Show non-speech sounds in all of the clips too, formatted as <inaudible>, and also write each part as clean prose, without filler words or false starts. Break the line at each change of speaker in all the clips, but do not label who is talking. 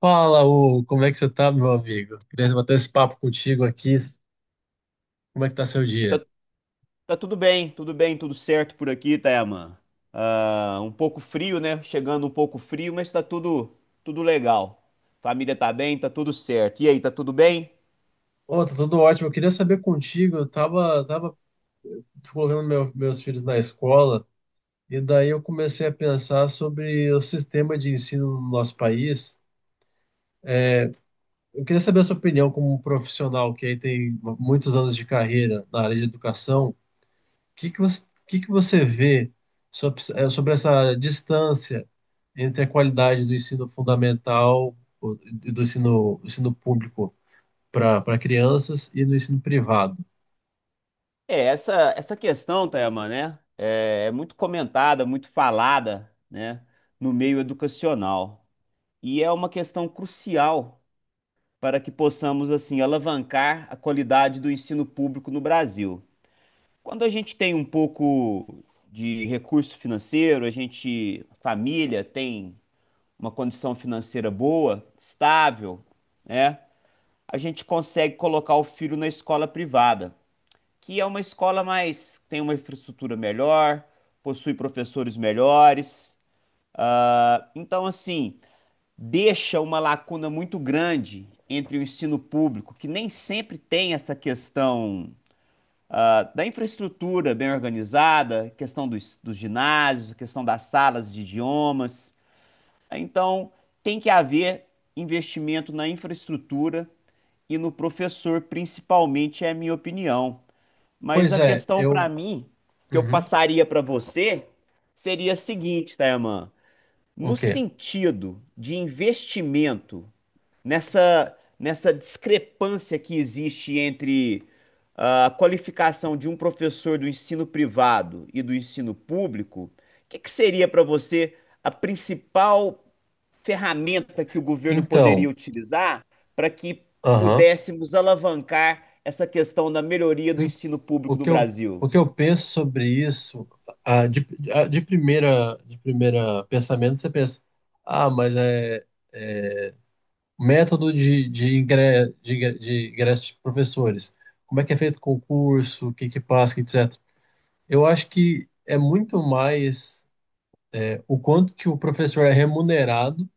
Fala, Hugo, como é que você tá, meu amigo? Queria bater esse papo contigo aqui. Como é que tá seu dia?
Tá, tá tudo bem, tudo bem, tudo certo por aqui, Tayaman. Ah, um pouco frio, né? Chegando um pouco frio, mas tá tudo, tudo legal. Família tá bem, tá tudo certo. E aí, tá tudo bem?
Ô, tá tudo ótimo. Eu queria saber contigo, eu tava colocando meus filhos na escola e daí eu comecei a pensar sobre o sistema de ensino no nosso país. Eu queria saber a sua opinião como um profissional que aí tem muitos anos de carreira na área de educação. Que que você vê sobre, sobre essa distância entre a qualidade do ensino fundamental e do ensino público para crianças e do ensino privado?
É, essa questão, Tayaman, né? É muito comentada, muito falada, né? No meio educacional. E é uma questão crucial para que possamos, assim, alavancar a qualidade do ensino público no Brasil. Quando a gente tem um pouco de recurso financeiro, a família tem uma condição financeira boa, estável, né? A gente consegue colocar o filho na escola privada, que é uma escola mais, tem uma infraestrutura melhor, possui professores melhores. Ah, então, assim, deixa uma lacuna muito grande entre o ensino público, que nem sempre tem essa questão ah, da infraestrutura bem organizada, questão dos ginásios, questão das salas de idiomas. Então, tem que haver investimento na infraestrutura e no professor, principalmente, é a minha opinião. Mas
Pois
a
é,
questão para
eu.
mim, que eu
Uhum,
passaria para você, seria a seguinte, Tayaman.
o
No
quê?
sentido de investimento nessa discrepância que existe entre ah, a qualificação de um professor do ensino privado e do ensino público, o que que seria para você a principal ferramenta que o governo poderia
Então,
utilizar para que
aham,
pudéssemos alavancar essa questão da melhoria do
em-
ensino
o
público do
que eu,
Brasil?
o que eu penso sobre isso, ah, de, ah, de primeira pensamento, você pensa, ah, mas é. Método de ingresso de professores. Como é que é feito o concurso, o que que passa, etc. Eu acho que é muito mais é, o quanto que o professor é remunerado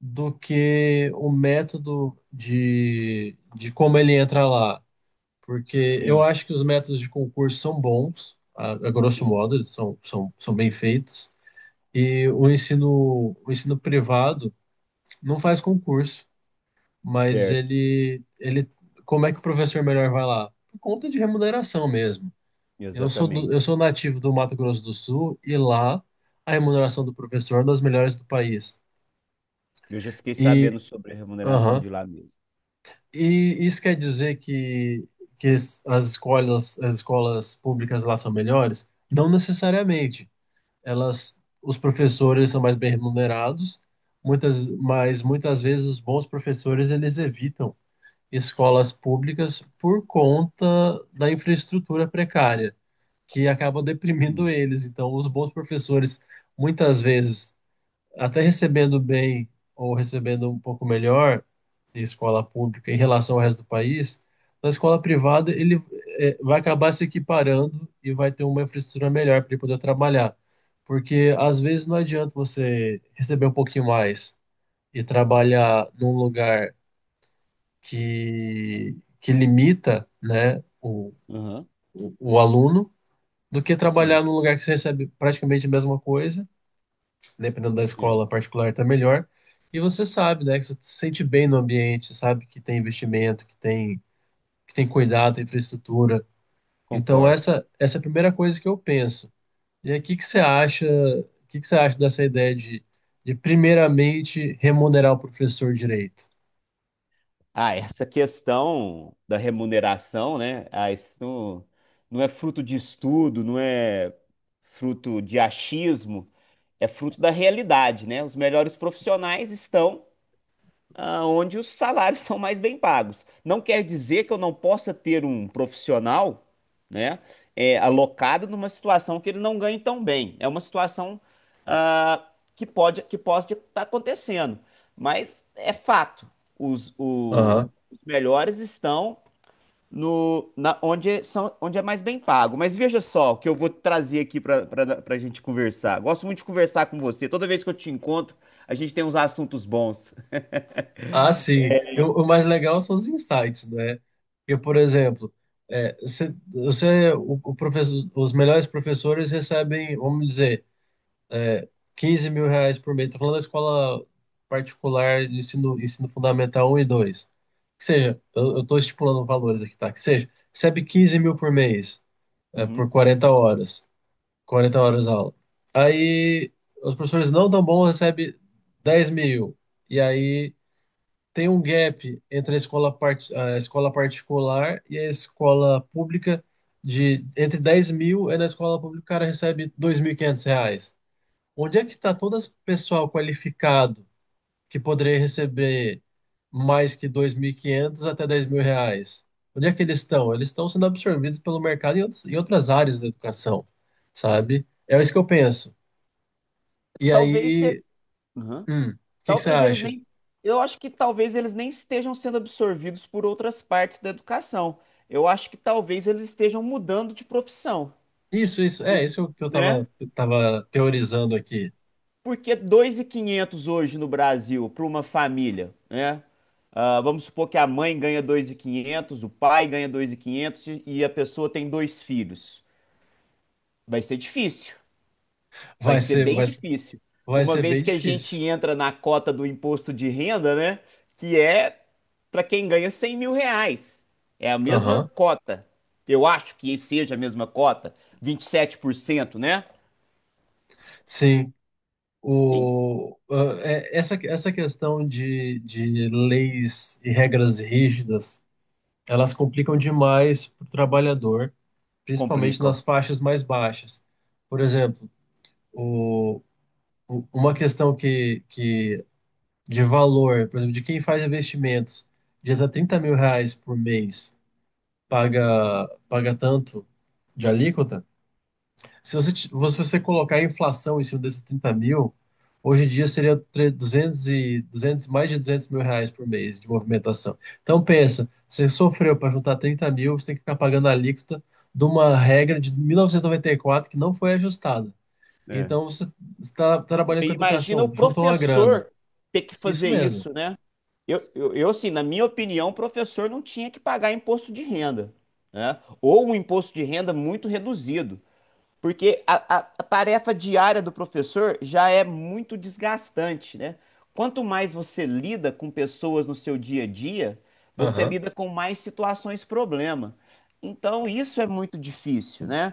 do que o método de como ele entra lá. Porque eu
Sim,
acho que os métodos de concurso são bons, a grosso
sim,
modo, eles são bem feitos. E o ensino privado não faz concurso. Mas
certo,
como é que o professor melhor vai lá? Por conta de remuneração mesmo. Eu
exatamente.
sou nativo do Mato Grosso do Sul e lá a remuneração do professor é das melhores do país.
Eu já fiquei
E,
sabendo sobre a remuneração
aham,
de lá mesmo.
e isso quer dizer que as as escolas públicas lá são melhores? Não necessariamente. Elas, os professores são mais bem remunerados, mas muitas vezes os bons professores eles evitam escolas públicas por conta da infraestrutura precária, que acaba deprimindo
Sim.
eles. Então, os bons professores, muitas vezes, até recebendo bem ou recebendo um pouco melhor de escola pública em relação ao resto do país, na escola privada ele vai acabar se equiparando e vai ter uma infraestrutura melhor para ele poder trabalhar. Porque às vezes não adianta você receber um pouquinho mais e trabalhar num lugar que limita, né,
Aham,
o aluno do que
sim,
trabalhar num lugar que você recebe praticamente a mesma coisa, dependendo da
é,
escola particular tá melhor, e você sabe, né, que você se sente bem no ambiente, sabe que tem investimento, que tem cuidado, tem infraestrutura. Então
concordo.
essa é a primeira coisa que eu penso. E aí, o que que você acha dessa ideia de primeiramente remunerar o professor direito?
Ah, essa questão da remuneração, né? Ah, não é fruto de estudo, não é fruto de achismo, é fruto da realidade, né? Os melhores profissionais estão ah, onde os salários <laughs> são mais bem pagos. Não quer dizer que eu não possa ter um profissional, né, é, alocado numa situação que ele não ganhe tão bem. É uma situação ah, que pode estar acontecendo, mas é fato. Os, o- os melhores estão no na, onde são onde é mais bem pago. Mas veja só o que eu vou trazer aqui para a gente conversar. Gosto muito de conversar com você. Toda vez que eu te encontro, a gente tem uns assuntos bons.
Ah, sim. O mais legal são os insights, né? Porque, por exemplo, é, o professor, os melhores professores recebem, vamos dizer, 15 mil reais por mês. Estou falando da escola particular de ensino fundamental um e dois. Que seja, eu estou estipulando valores aqui, tá? Que seja, recebe 15 mil por mês, é, por
Uhum.
40 horas. 40 horas aula. Aí, os professores não tão bons recebem 10 mil. E aí tem um gap entre a a escola particular e a escola pública de entre 10 mil e na escola pública o cara recebe 2.500 reais. Onde é que está todo esse pessoal qualificado que poderia receber mais que 2.500 até 10 mil reais? Onde é que eles estão? Eles estão sendo absorvidos pelo mercado em em outras áreas da educação, sabe? É isso que eu penso. E
Talvez, ser
aí,
Uhum.
o que que você
Talvez eles
acha?
nem. Eu acho que talvez eles nem estejam sendo absorvidos por outras partes da educação. Eu acho que talvez eles estejam mudando de profissão,
Isso, é, isso é o que
né?
tava teorizando aqui.
Porque 2.500 hoje no Brasil para uma família, né? Ah, vamos supor que a mãe ganha 2.500, o pai ganha 2.500 e a pessoa tem dois filhos. Vai ser difícil. Vai
Vai
ser
ser,
bem
vai, ser-
difícil.
Vai
Uma
ser
vez
bem
que a gente
difícil.
entra na cota do imposto de renda, né? Que é para quem ganha 100 mil reais. É a mesma
Aham,
cota. Eu acho que seja a mesma cota, 27%, né?
Sim.
Quem
O, ah, essa questão de leis e regras rígidas, elas complicam demais para o trabalhador, principalmente
complicam.
nas faixas mais baixas. Por exemplo, o, uma questão que de valor, por exemplo, de quem faz investimentos, de até 30 mil reais por mês paga tanto de alíquota, se se você colocar a inflação em cima desses 30 mil, hoje em dia seria 200 e, 200 mais de 200 mil reais por mês de movimentação. Então pensa, você sofreu para juntar 30 mil, você tem que ficar pagando a alíquota de uma regra de mil novecentos e noventa e quatro que não foi ajustada.
É.
Então você está trabalhando
E
com
imagina o
educação, juntou uma grana.
professor ter que
Isso
fazer
mesmo.
isso, né? Eu assim, na minha opinião, o professor não tinha que pagar imposto de renda, né? Ou um imposto de renda muito reduzido. Porque a tarefa diária do professor já é muito desgastante, né? Quanto mais você lida com pessoas no seu dia a dia, você
Aham,
lida com mais situações problema. Então, isso é muito difícil, né?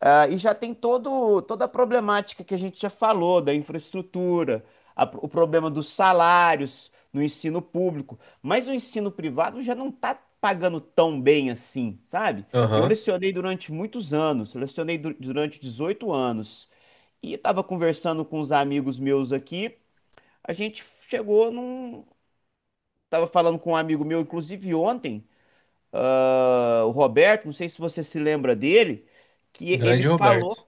Ah, e já tem toda a problemática que a gente já falou, da infraestrutura, a- o problema dos salários no ensino público. Mas o ensino privado já não está pagando tão bem assim, sabe? Eu
aham.
lecionei durante muitos anos, eu lecionei durante 18 anos. E estava conversando com os amigos meus aqui, a gente chegou num. Estava falando com um amigo meu, inclusive ontem, ah, o Roberto, não sei se você se lembra dele, que ele
Grande
falou,
Roberto.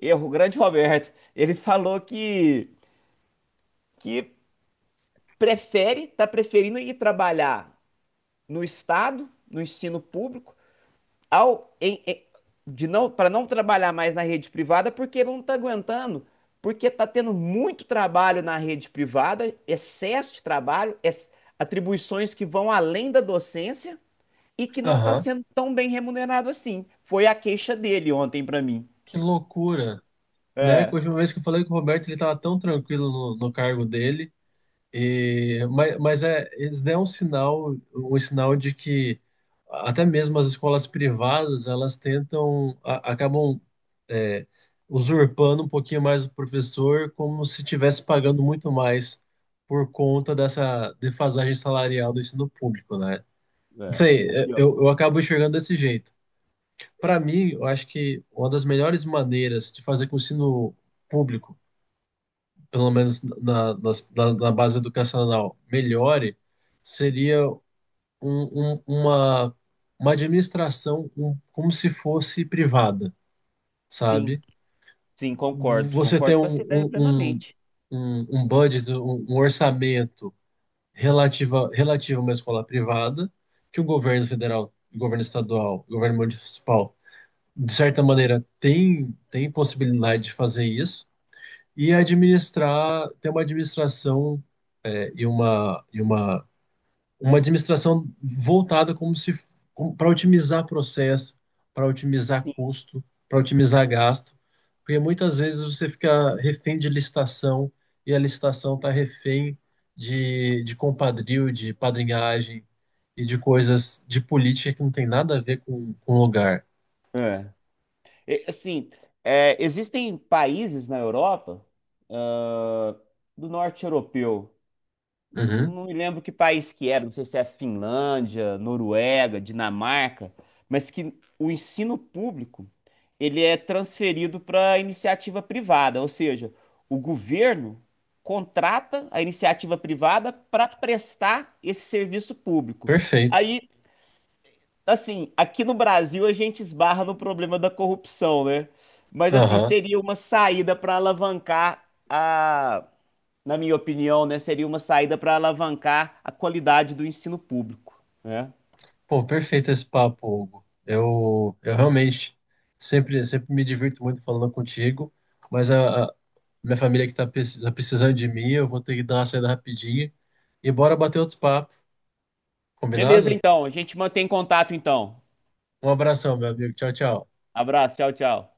é o grande <laughs> Roberto, ele falou que prefere, está preferindo ir trabalhar no Estado, no ensino público ao em- em- de não para não trabalhar mais na rede privada porque ele não está aguentando, porque está tendo muito trabalho na rede privada, excesso de trabalho, ex- atribuições que vão além da docência e que não está
Aham.
sendo tão bem remunerado assim. Foi a queixa dele ontem para mim.
Que loucura. Né? Que a
É,
última vez que eu falei com o Roberto, ele estava tão tranquilo no cargo dele. E, mas é, eles deram um sinal de que até mesmo as escolas privadas, elas tentam, acabam é, usurpando um pouquinho mais o professor, como se estivesse pagando muito mais por conta dessa defasagem salarial do ensino público, né? Não sei,
O
é,
que, ó.
eu acabo enxergando desse jeito. Para mim, eu acho que uma das melhores maneiras de fazer com que o ensino público pelo menos na base educacional, melhore, seria um- uma, uma administração como se fosse privada,
Sim,
sabe?
sim, concordo,
Você tem
concordo com essa ideia plenamente.
um budget, um orçamento relativo a uma escola privada, que o governo federal, o governo estadual, o governo municipal, de certa maneira, tem possibilidade de fazer isso. E administrar, ter uma administração e uma, e uma, uma administração voltada como se para otimizar processo, para otimizar
Sim.
custo, para otimizar gasto, porque muitas vezes você fica refém de licitação e a licitação está refém de compadrio, de padrinhagem e de coisas de política que não tem nada a ver com o lugar.
É. E, assim, é, existem países na Europa, ah, do norte europeu.
Uhum,
Não me lembro que país que era, não sei se é Finlândia, Noruega, Dinamarca, mas que o ensino público ele é transferido para iniciativa privada, ou seja, o governo contrata a iniciativa privada para prestar esse serviço público.
perfeito.
Aí, assim, aqui no Brasil a gente esbarra no problema da corrupção, né? Mas assim,
Aham.
seria uma saída para alavancar a na minha opinião, né, seria uma saída para alavancar a qualidade do ensino público, né?
Pô, perfeito esse papo, Hugo. Eu realmente sempre me divirto muito falando contigo, mas a minha família que tá, tá precisando de mim, eu vou ter que dar uma saída rapidinho e bora bater outro papo,
Beleza,
combinado?
então. A gente mantém contato, então.
Um abração, meu amigo. Tchau, tchau.
Abraço, tchau, tchau.